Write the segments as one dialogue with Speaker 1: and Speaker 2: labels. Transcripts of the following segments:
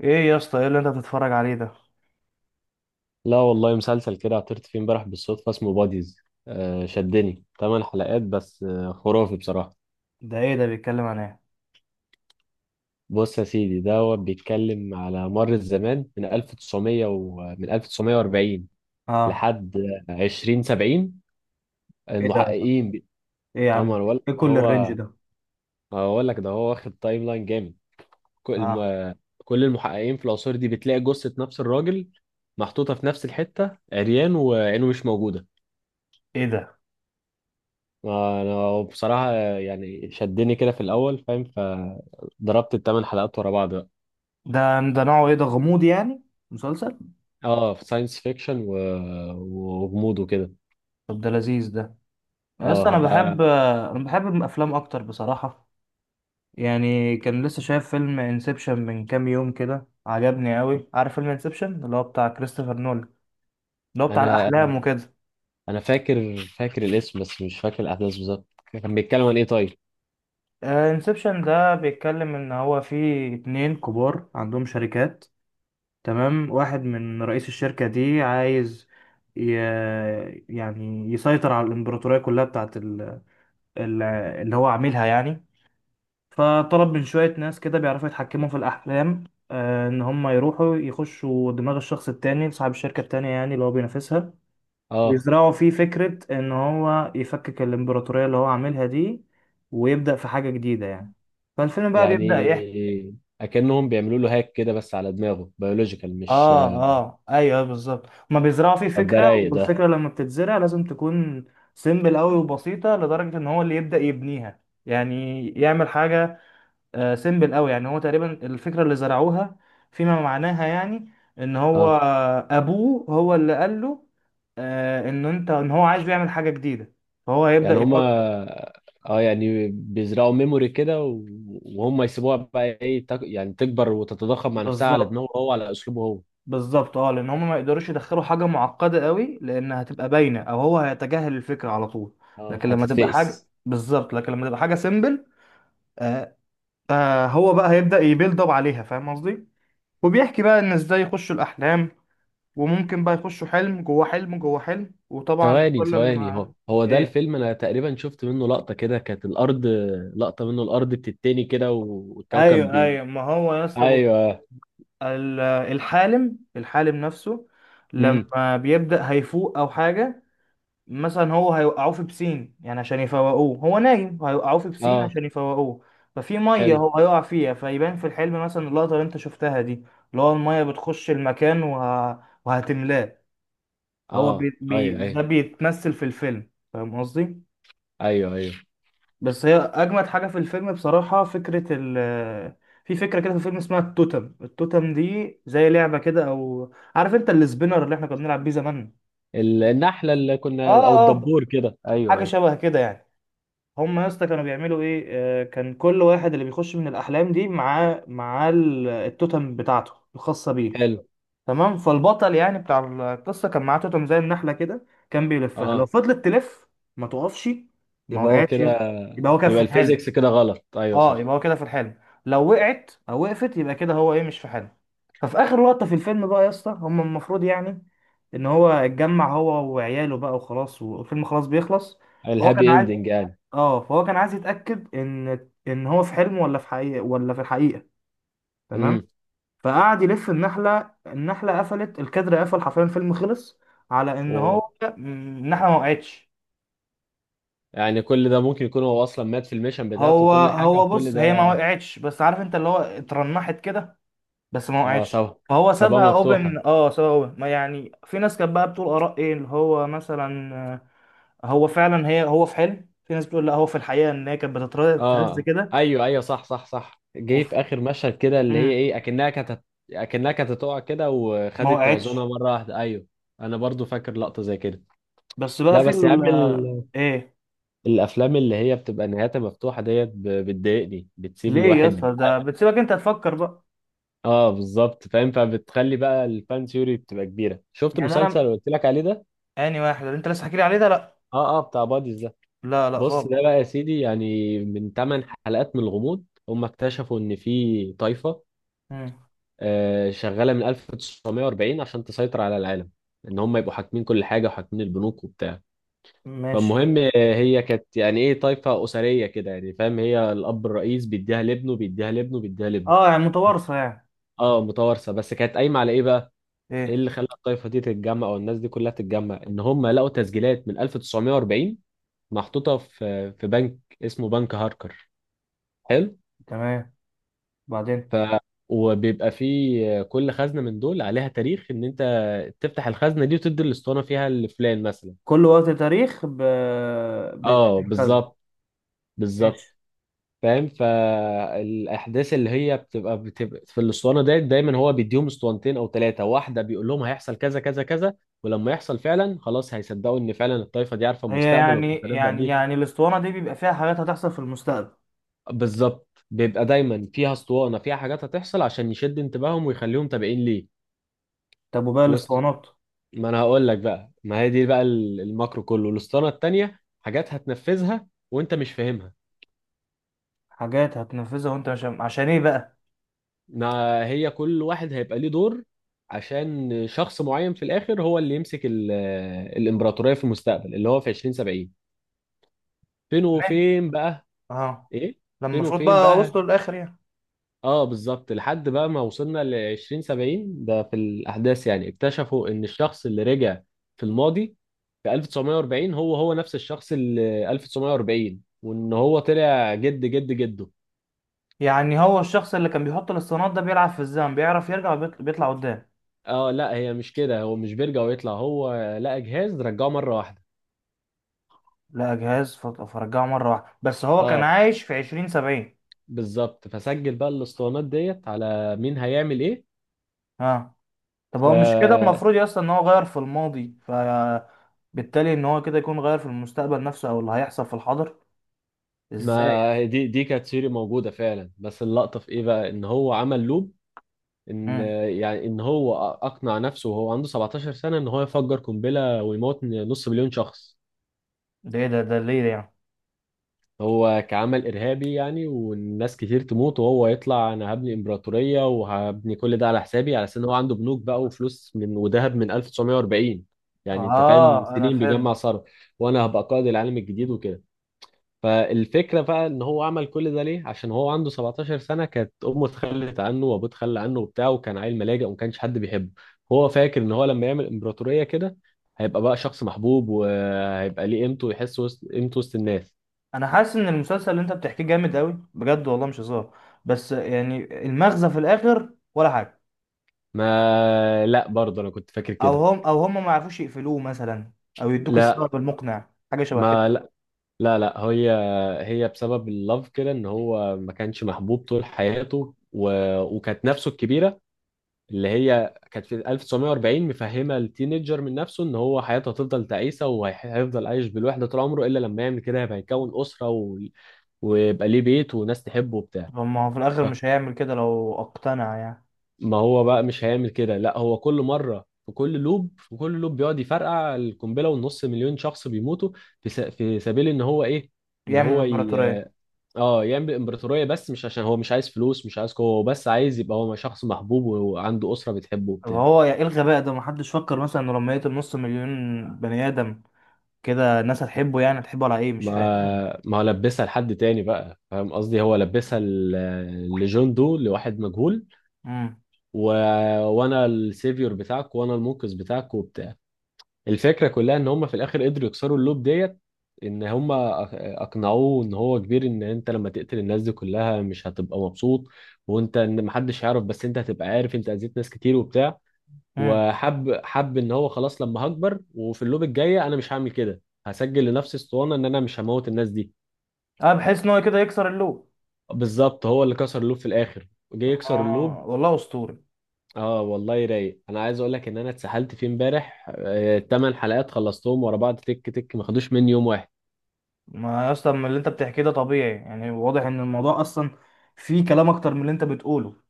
Speaker 1: ايه يا اسطى؟ ايه اللي انت بتتفرج عليه ده؟
Speaker 2: لا والله، مسلسل كده عثرت فيه امبارح بالصدفة اسمه باديز. آه شدني، 8 حلقات بس، خرافي بصراحة.
Speaker 1: ده ايه ده؟ بيتكلم عن ايه؟
Speaker 2: بص يا سيدي دوت، بيتكلم على مر الزمان من 1900 ومن 1940
Speaker 1: اه.
Speaker 2: لحد 2070.
Speaker 1: ايه ده؟
Speaker 2: المحققين
Speaker 1: ايه يا عم؟
Speaker 2: عمر ولا
Speaker 1: ايه
Speaker 2: ده
Speaker 1: كل الرينج
Speaker 2: هو.
Speaker 1: ده؟
Speaker 2: هقول لك ده هو واخد تايم لاين جامد. كل
Speaker 1: اه.
Speaker 2: ما كل المحققين في العصور دي بتلاقي جثة نفس الراجل محطوطة في نفس الحتة، عريان وعينه مش موجودة.
Speaker 1: ايه ده؟
Speaker 2: ما انا بصراحة يعني شدني كده في الاول فاهم، فضربت ال 8 حلقات ورا بعض بقى.
Speaker 1: ده ده نوعه ايه ده؟ غموض يعني؟ مسلسل؟
Speaker 2: اه، في ساينس فيكشن وغموض وكده.
Speaker 1: طب ده لذيذ ده. يا اسطى،
Speaker 2: اه
Speaker 1: انا
Speaker 2: هبقى.
Speaker 1: بحب انا بحب الافلام اكتر بصراحة. يعني كان لسه شايف فيلم انسبشن من كام يوم كده، عجبني قوي. عارف فيلم انسبشن اللي هو بتاع كريستوفر نولان، اللي هو بتاع
Speaker 2: انا انا
Speaker 1: الاحلام وكده؟
Speaker 2: أنا فاكر الاسم بس مش فاكر الاحداث بالظبط. كان بيتكلم عن ايه طيب؟
Speaker 1: آه، انسبشن ده بيتكلم ان هو في اتنين كبار عندهم شركات. تمام، واحد من رئيس الشركة دي عايز ي... يعني يسيطر على الإمبراطورية كلها بتاعت اللي هو عاملها يعني. فطلب من شوية ناس كده بيعرفوا يتحكموا في الأحلام، آه، إن هم يروحوا يخشوا دماغ الشخص التاني صاحب الشركة التانية، يعني اللي هو بينافسها،
Speaker 2: اه
Speaker 1: ويزرعوا فيه فكرة إن هو يفكك الإمبراطورية اللي هو عاملها دي ويبدأ في حاجة جديدة يعني. فالفيلم بقى بيبدأ
Speaker 2: يعني
Speaker 1: يحكي.
Speaker 2: اكنهم بيعملوا له هاك كده، بس على دماغه بيولوجيكال مش؟
Speaker 1: اه، اه، ايوه، أيوه، بالظبط، هما بيزرعوا فيه
Speaker 2: طب ده
Speaker 1: فكره،
Speaker 2: رايق ده.
Speaker 1: والفكره لما بتتزرع لازم تكون سيمبل قوي وبسيطه لدرجه ان هو اللي يبدا يبنيها، يعني يعمل حاجه سيمبل قوي. يعني هو تقريبا الفكره اللي زرعوها فيما معناها يعني ان هو
Speaker 2: اه
Speaker 1: ابوه هو اللي قال له آه ان انت ان هو عايز يعمل حاجه جديده، فهو هيبدا
Speaker 2: يعني هما
Speaker 1: يفكر.
Speaker 2: اه يعني بيزرعوا ميموري كده وهم يسيبوها بقى ايه، يعني تكبر وتتضخم مع نفسها على
Speaker 1: بالظبط
Speaker 2: دماغه هو، على اسلوبه هو.
Speaker 1: بالظبط اه، لان هم ما يقدروش يدخلوا حاجه معقده قوي، لان هتبقى باينه او هو هيتجاهل الفكره على طول.
Speaker 2: اه، هتتفقس.
Speaker 1: لكن لما تبقى حاجه سيمبل. آه آه، هو بقى هيبدا يبيلد اب عليها، فاهم قصدي؟ وبيحكي بقى ان ازاي يخشوا الاحلام، وممكن بقى يخشوا حلم جوه حلم جوه حلم. وطبعا
Speaker 2: ثواني
Speaker 1: كل
Speaker 2: ثواني،
Speaker 1: ما...
Speaker 2: هو ده
Speaker 1: ايه،
Speaker 2: الفيلم، انا تقريبا شفت منه لقطة كده كانت الارض. لقطة منه الارض بتتني كده والكوكب
Speaker 1: ايوه، ايوه، ما هو يا اسطى بص،
Speaker 2: ايوه.
Speaker 1: ال- الحالم نفسه
Speaker 2: امم.
Speaker 1: لما بيبدا هيفوق او حاجه، مثلا هو هيوقعوه في بسين يعني عشان يفوقوه. هو نايم، هيوقعوه في بسين
Speaker 2: اه.
Speaker 1: عشان يفوقوه، ففي ميه
Speaker 2: حلو.
Speaker 1: هو هيقع فيها، فيبان في الحلم مثلا اللقطه اللي انت شفتها دي، اللي هو الميه بتخش المكان وهتملاه. هو
Speaker 2: اه ايوه
Speaker 1: ده
Speaker 2: ايوه.
Speaker 1: بيتمثل في الفيلم، فاهم قصدي؟
Speaker 2: ايوه ايوه.
Speaker 1: بس هي اجمد حاجه في الفيلم بصراحه فكره في فكره كده في الفيلم اسمها التوتم. التوتم دي زي لعبه كده، او عارف انت السبينر اللي احنا كنا بنلعب بيه زمان؟
Speaker 2: النحلة اللي كنا، او
Speaker 1: اه،
Speaker 2: الدبور كده، ايوه
Speaker 1: حاجه
Speaker 2: ايوه.
Speaker 1: شبه كده يعني. هم يا اسطى كانوا بيعملوا ايه؟ آه، كان كل واحد اللي بيخش من الاحلام دي معاه التوتم بتاعته الخاصه بيه.
Speaker 2: حلو.
Speaker 1: تمام، فالبطل يعني بتاع القصه كان معاه توتم زي النحله كده، كان بيلفها،
Speaker 2: اه،
Speaker 1: لو فضلت تلف ما توقفش ما
Speaker 2: يبقى هو
Speaker 1: وقعتش
Speaker 2: كده.
Speaker 1: يبقى هو كان في
Speaker 2: يبقى
Speaker 1: الحلم.
Speaker 2: الفيزيكس كده غلط، ايوه
Speaker 1: اه،
Speaker 2: صح.
Speaker 1: يبقى هو كده في الحلم. لو وقعت او وقفت يبقى كده هو ايه، مش في حلم. ففي اخر لقطه في الفيلم بقى يا اسطى، هم المفروض يعني ان هو اتجمع هو وعياله بقى وخلاص، والفيلم خلاص بيخلص. هو كان
Speaker 2: الهابي
Speaker 1: عايز...
Speaker 2: اندنج يعني.
Speaker 1: اه، فهو كان عايز يتأكد ان هو في حلم ولا في حقيقة، ولا في الحقيقة. تمام.
Speaker 2: امم.
Speaker 1: فقعد يلف النحلة، النحلة قفلت، الكادر قفل، حرفيا الفيلم خلص، على ان
Speaker 2: و...
Speaker 1: هو... مم، النحلة ما وقعتش.
Speaker 2: يعني كل ده ممكن يكون هو اصلا مات في الميشن بتاعته،
Speaker 1: هو
Speaker 2: وكل حاجه
Speaker 1: هو
Speaker 2: وكل
Speaker 1: بص، هي ما
Speaker 2: ده.
Speaker 1: وقعتش بس عارف انت اللي هو اترنحت كده بس ما
Speaker 2: اه
Speaker 1: وقعتش،
Speaker 2: سوا.
Speaker 1: فهو سابها
Speaker 2: سبابه
Speaker 1: اوبن.
Speaker 2: مفتوحه.
Speaker 1: اه، سابها اوبن. ما يعني في ناس كانت بقى بتقول اراء، ايه اللي هو مثلا... آه، هو فعلا هي هو في حلم. في ناس بتقول لا، هو في الحقيقة، ان هي كانت بتتهز
Speaker 2: اه
Speaker 1: كده.
Speaker 2: ايوه ايوه، صح صح صح، جه في
Speaker 1: وفي...
Speaker 2: اخر مشهد كده اللي هي
Speaker 1: مم،
Speaker 2: ايه، اكنها كانت، اكنها كانت هتقع كده
Speaker 1: ما
Speaker 2: وخدت توازنها
Speaker 1: وقعتش.
Speaker 2: مره واحده، ايوه. انا برضو فاكر لقطه زي كده.
Speaker 1: بس بقى
Speaker 2: لا
Speaker 1: في
Speaker 2: بس يا عم،
Speaker 1: ال... ايه؟
Speaker 2: الافلام اللي هي بتبقى نهايتها مفتوحه ديت بتضايقني، بتسيب
Speaker 1: ليه يا
Speaker 2: الواحد.
Speaker 1: اسطى، ده بتسيبك انت تفكر بقى.
Speaker 2: اه بالظبط، فاهم، فبتخلي بقى الفان ثيوري بتبقى كبيره. شفت
Speaker 1: يعني
Speaker 2: المسلسل
Speaker 1: انا،
Speaker 2: اللي قلت لك عليه ده؟
Speaker 1: اني واحد اللي انت لسه حكي لي عليه ده؟ لا.
Speaker 2: اه اه، بتاع باديز ده.
Speaker 1: لا لا
Speaker 2: بص،
Speaker 1: خالص.
Speaker 2: ده بقى يا سيدي يعني من 8 حلقات من الغموض هم اكتشفوا ان في طائفه
Speaker 1: مم.
Speaker 2: آه، شغاله من 1940 عشان تسيطر على العالم، ان هم يبقوا حاكمين كل حاجه، وحاكمين البنوك وبتاع.
Speaker 1: ماشي.
Speaker 2: فالمهم آه، هي كانت يعني ايه، طائفه اسريه كده يعني فاهم، هي الاب الرئيس بيديها لابنه بيديها لابنه بيديها لابنه.
Speaker 1: اه، يعني متوارثه يعني.
Speaker 2: اه متوارثه. بس كانت قايمه على ايه بقى؟ ايه
Speaker 1: ايه؟
Speaker 2: اللي خلى الطائفه دي تتجمع، او الناس دي كلها تتجمع؟ ان هم لقوا تسجيلات من 1940 محطوطه في بنك اسمه بنك هاركر. حلو.
Speaker 1: تمام. بعدين.
Speaker 2: ف. وبيبقى فيه كل خزنه من دول عليها تاريخ، ان انت تفتح الخزنه دي وتدي الاسطوانه فيها لفلان مثلا.
Speaker 1: كل وقت تاريخ
Speaker 2: اه
Speaker 1: بيتخذ.
Speaker 2: بالظبط، بالظبط.
Speaker 1: ماشي.
Speaker 2: فاهم؟ فالاحداث اللي هي بتبقى في الاسطوانه ديت، دايما هو بيديهم اسطوانتين او ثلاثه، واحده بيقول لهم هيحصل كذا كذا كذا، ولما يحصل فعلا خلاص هيصدقوا ان فعلا الطائفه دي عارفه
Speaker 1: هي
Speaker 2: المستقبل
Speaker 1: يعني
Speaker 2: وبتتنبأ
Speaker 1: يعني
Speaker 2: بيه.
Speaker 1: يعني الاسطوانه دي بيبقى فيها حاجات هتحصل في المستقبل؟
Speaker 2: بالظبط، بيبقى دايما فيها اسطوانه فيها حاجات هتحصل عشان يشد انتباههم ويخليهم تابعين ليه.
Speaker 1: طب وباقي
Speaker 2: وست...
Speaker 1: الاسطوانات؟
Speaker 2: ما انا هقول لك بقى، ما هي دي بقى الماكرو كله. الاسطوانه التانيه حاجات هتنفذها وانت مش فاهمها.
Speaker 1: حاجات هتنفذها وانت مش... عشان ايه بقى؟
Speaker 2: ما هي كل واحد هيبقى ليه دور عشان شخص معين في الاخر هو اللي يمسك الامبراطوريه في المستقبل اللي هو في 2070. فين
Speaker 1: تمام.
Speaker 2: وفين بقى؟
Speaker 1: اه.
Speaker 2: ايه.
Speaker 1: لما
Speaker 2: فين
Speaker 1: المفروض
Speaker 2: وفين
Speaker 1: بقى
Speaker 2: بقى.
Speaker 1: وصلوا للاخر يعني؟
Speaker 2: اه بالظبط، لحد بقى ما وصلنا ل 2070 ده في الاحداث، يعني اكتشفوا ان الشخص اللي رجع في الماضي في 1940 هو نفس الشخص اللي 1940، وان هو طلع جد جد جده.
Speaker 1: يعني هو الشخص اللي كان بيحط الاسطوانات ده بيلعب في الزمن، بيعرف يرجع بيطلع قدام؟
Speaker 2: اه لا، هي مش كده، هو مش بيرجع ويطلع، هو لقى جهاز رجعه مره واحده.
Speaker 1: لا، جهاز فرجعه مرة واحدة. بس هو كان
Speaker 2: اه
Speaker 1: عايش في 2070؟
Speaker 2: بالظبط، فسجل بقى الاسطوانات ديت على مين هيعمل ايه.
Speaker 1: اه. طب هو مش كده
Speaker 2: فما
Speaker 1: المفروض يا اسطى ان هو غير في الماضي، ف بالتالي ان هو كده يكون غير في المستقبل نفسه او اللي هيحصل في الحاضر؟ ازاي؟
Speaker 2: دي كانت سيري موجوده فعلا، بس اللقطه في ايه بقى، ان هو عمل لوب. ان
Speaker 1: امم.
Speaker 2: يعني ان هو اقنع نفسه وهو عنده 17 سنه ان هو يفجر قنبله ويموت نص مليون شخص.
Speaker 1: ده ايه ده؟ ده ليه ده يعني؟
Speaker 2: هو كعمل ارهابي يعني، والناس كتير تموت، وهو يطلع انا هبني امبراطوريه، وهبني كل ده على حسابي، على اساس ان هو عنده بنوك بقى وفلوس من، وذهب من 1940. يعني انت فاهم،
Speaker 1: اه، انا
Speaker 2: سنين
Speaker 1: فهمت.
Speaker 2: بيجمع صرف. وانا هبقى قائد العالم الجديد وكده. فالفكرة بقى ان هو عمل كل ده ليه؟ عشان هو عنده 17 سنة كانت امه اتخلت عنه وابوه اتخلى عنه وبتاع، وكان عيل ملاجئ وما كانش حد بيحبه. هو فاكر ان هو لما يعمل امبراطورية كده هيبقى بقى شخص محبوب، وهيبقى ليه قيمته، ويحس وسط قيمته وسط الناس.
Speaker 1: انا حاسس ان المسلسل اللي انت بتحكيه جامد قوي بجد والله، مش هزار. بس يعني المغزى في الاخر ولا حاجة؟
Speaker 2: ما لا برضه انا كنت فاكر كده.
Speaker 1: او هم ما يعرفوش يقفلوه مثلا، او يدوك
Speaker 2: لا.
Speaker 1: السبب المقنع حاجه شبه كده؟
Speaker 2: ما لا. لا لا. هي هي بسبب اللف كده، ان هو ما كانش محبوب طول حياته وكانت نفسه الكبيرة اللي هي كانت في 1940 مفهمه التينيجر من نفسه ان هو حياته هتفضل تعيسه وهيفضل عايش بالوحده طول عمره، الا لما يعمل كده هيبقى يكون اسره ويبقى ليه بيت وناس تحبه وبتاع.
Speaker 1: طب ما هو في الاخر
Speaker 2: آه.
Speaker 1: مش هيعمل كده لو اقتنع يعني.
Speaker 2: ما هو بقى مش هيعمل كده، لا هو كل مره في كل لوب، بيقعد يفرقع القنبله، والنص مليون شخص بيموتوا. في سبيل ان هو ايه؟ ان
Speaker 1: يعمل
Speaker 2: هو ي...
Speaker 1: امبراطوريه.
Speaker 2: اه يعمل امبراطوريه، بس مش عشان هو مش عايز فلوس، مش عايز قوه، هو بس عايز يبقى هو شخص محبوب وعنده اسره بتحبه
Speaker 1: طب
Speaker 2: وبتاع.
Speaker 1: هو ايه الغباء ده؟ ما حدش فكر مثلا إنه لما يقتل نص مليون بني ادم كده الناس هتحبه؟ يعني هتحبه على ايه، مش فاهم.
Speaker 2: ما هو لبسها لحد تاني بقى، فاهم قصدي، هو لبسها لجون دو، لواحد مجهول
Speaker 1: امم.
Speaker 2: و... وانا السيفيور بتاعك، وانا المنقذ بتاعك وبتاع. الفكره كلها ان هم في الاخر قدروا يكسروا اللوب ديت، ان هم أق- اقنعوه ان هو كبير، ان انت لما تقتل الناس دي كلها مش هتبقى مبسوط. وانت، ان محدش هيعرف بس انت هتبقى عارف، انت اذيت ناس كتير وبتاع.
Speaker 1: امم.
Speaker 2: وحب ان هو خلاص لما هكبر وفي اللوب الجايه انا مش هعمل كده، هسجل لنفسي اسطوانه ان انا مش هموت الناس دي.
Speaker 1: اه، بحيث ان هو كده يكسر اللوب.
Speaker 2: بالظبط، هو اللي كسر اللوب في الاخر. جه
Speaker 1: طب
Speaker 2: يكسر اللوب.
Speaker 1: والله اسطوري.
Speaker 2: اه والله رايق، انا عايز اقول لك ان انا اتسحلت فيه امبارح، ال 8 حلقات خلصتهم ورا بعض تك تك، ما خدوش مني يوم واحد.
Speaker 1: ما يا اسطى، من اللي انت بتحكيه ده طبيعي، يعني واضح ان الموضوع اصلا فيه كلام اكتر من اللي انت بتقوله.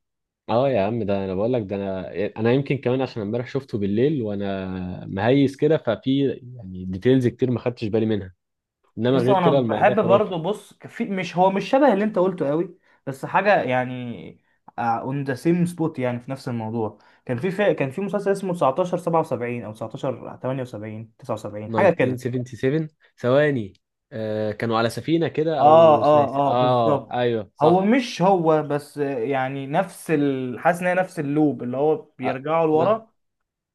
Speaker 2: اه يا عم، ده انا بقول لك ده. انا يمكن كمان عشان امبارح شفته بالليل وانا مهيس كده، ففي يعني ديتيلز كتير ما خدتش بالي منها، انما
Speaker 1: يس،
Speaker 2: غير
Speaker 1: انا
Speaker 2: كده الموضوع
Speaker 1: بحب
Speaker 2: خرافي.
Speaker 1: برضه. بص، في... مش هو، مش شبه اللي انت قلته قوي بس حاجه يعني اون ذا سيم سبوت، يعني في نفس الموضوع. كان في مسلسل اسمه 1977 او 1978 79 حاجه كده.
Speaker 2: 1977، ثواني. آه كانوا على سفينة كده،
Speaker 1: اه اه اه
Speaker 2: اه
Speaker 1: بالظبط.
Speaker 2: ايوه
Speaker 1: هو
Speaker 2: صح.
Speaker 1: مش هو، بس يعني نفس حاسس ان هي نفس اللوب اللي هو
Speaker 2: آه.
Speaker 1: بيرجعوا
Speaker 2: لا.
Speaker 1: لورا،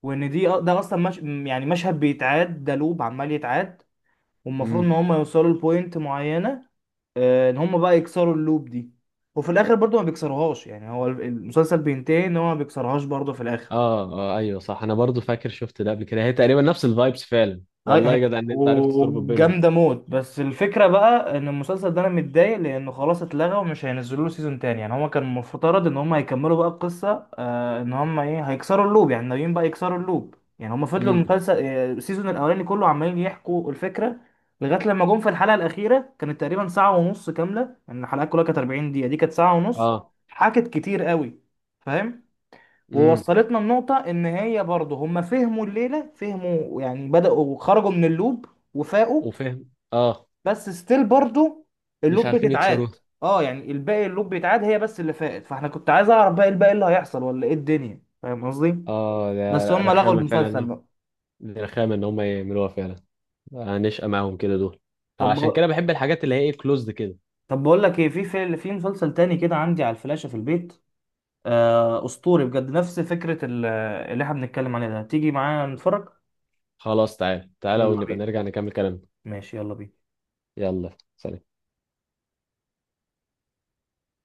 Speaker 1: وان دي آه، ده اصلا مش... يعني مشهد بيتعاد، ده لوب عمال يتعاد، والمفروض ان هم يوصلوا لبوينت معينه، آه، ان هم بقى يكسروا اللوب دي. وفي الاخر برضو ما بيكسروهاش، يعني هو المسلسل بينتهي ان هو ما بيكسرهاش برضو في الاخر.
Speaker 2: اه اه ايوه صح، انا برضو فاكر شفت ده قبل كده، هي تقريبا نفس الفايبس فعلا،
Speaker 1: هاي
Speaker 2: والله يا
Speaker 1: هاي
Speaker 2: جدع ان انت عرفت تربط بينهم.
Speaker 1: وجامده موت. بس الفكره بقى ان المسلسل ده انا متضايق لانه خلاص اتلغى ومش هينزلوا له سيزون تاني. يعني هما كان المفترض ان هما هيكملوا بقى القصه، آه، ان هما ايه هيكسروا اللوب. يعني ناويين بقى يكسروا اللوب. يعني هما فضلوا
Speaker 2: امم.
Speaker 1: المسلسل آه، السيزون الاولاني كله عمالين يحكوا الفكره لغايه لما جم في الحلقه الاخيره، كانت تقريبا ساعه ونص كامله. يعني الحلقات كلها كانت 40 دقيقه، دي كانت ساعه ونص.
Speaker 2: اه.
Speaker 1: حكت كتير قوي، فاهم.
Speaker 2: امم.
Speaker 1: ووصلتنا النقطة إن هي برضه هم فهموا الليلة، فهموا يعني، بدأوا خرجوا من اللوب وفاقوا.
Speaker 2: وفهم اه.
Speaker 1: بس ستيل برضه
Speaker 2: مش
Speaker 1: اللوب
Speaker 2: عارفين يكسروها.
Speaker 1: بتتعاد. اه، يعني الباقي اللوب بيتعاد، هي بس اللي فاقت. فاحنا كنت عايز أعرف بقى الباقي اللي هيحصل ولا إيه الدنيا، فاهم قصدي؟
Speaker 2: اه ده،
Speaker 1: بس
Speaker 2: لا،
Speaker 1: هم لغوا
Speaker 2: رخامه
Speaker 1: المسلسل
Speaker 2: فعلا.
Speaker 1: بقى.
Speaker 2: دي رخامه ان هم يعملوها فعلا. هنشقى معاهم كده دول. عشان كده
Speaker 1: طب،
Speaker 2: بحب الحاجات اللي هي ايه، كلوزد كده.
Speaker 1: طب بقول لك إيه، في مسلسل تاني كده عندي على الفلاشة في البيت، آه أسطوري بجد نفس فكرة اللي احنا بنتكلم عليها ده، تيجي معايا نتفرج؟
Speaker 2: خلاص تعال تعالى
Speaker 1: يلا
Speaker 2: ونبقى
Speaker 1: بينا.
Speaker 2: نرجع نكمل كلامنا.
Speaker 1: ماشي، يلا بينا.
Speaker 2: يلا، سلام.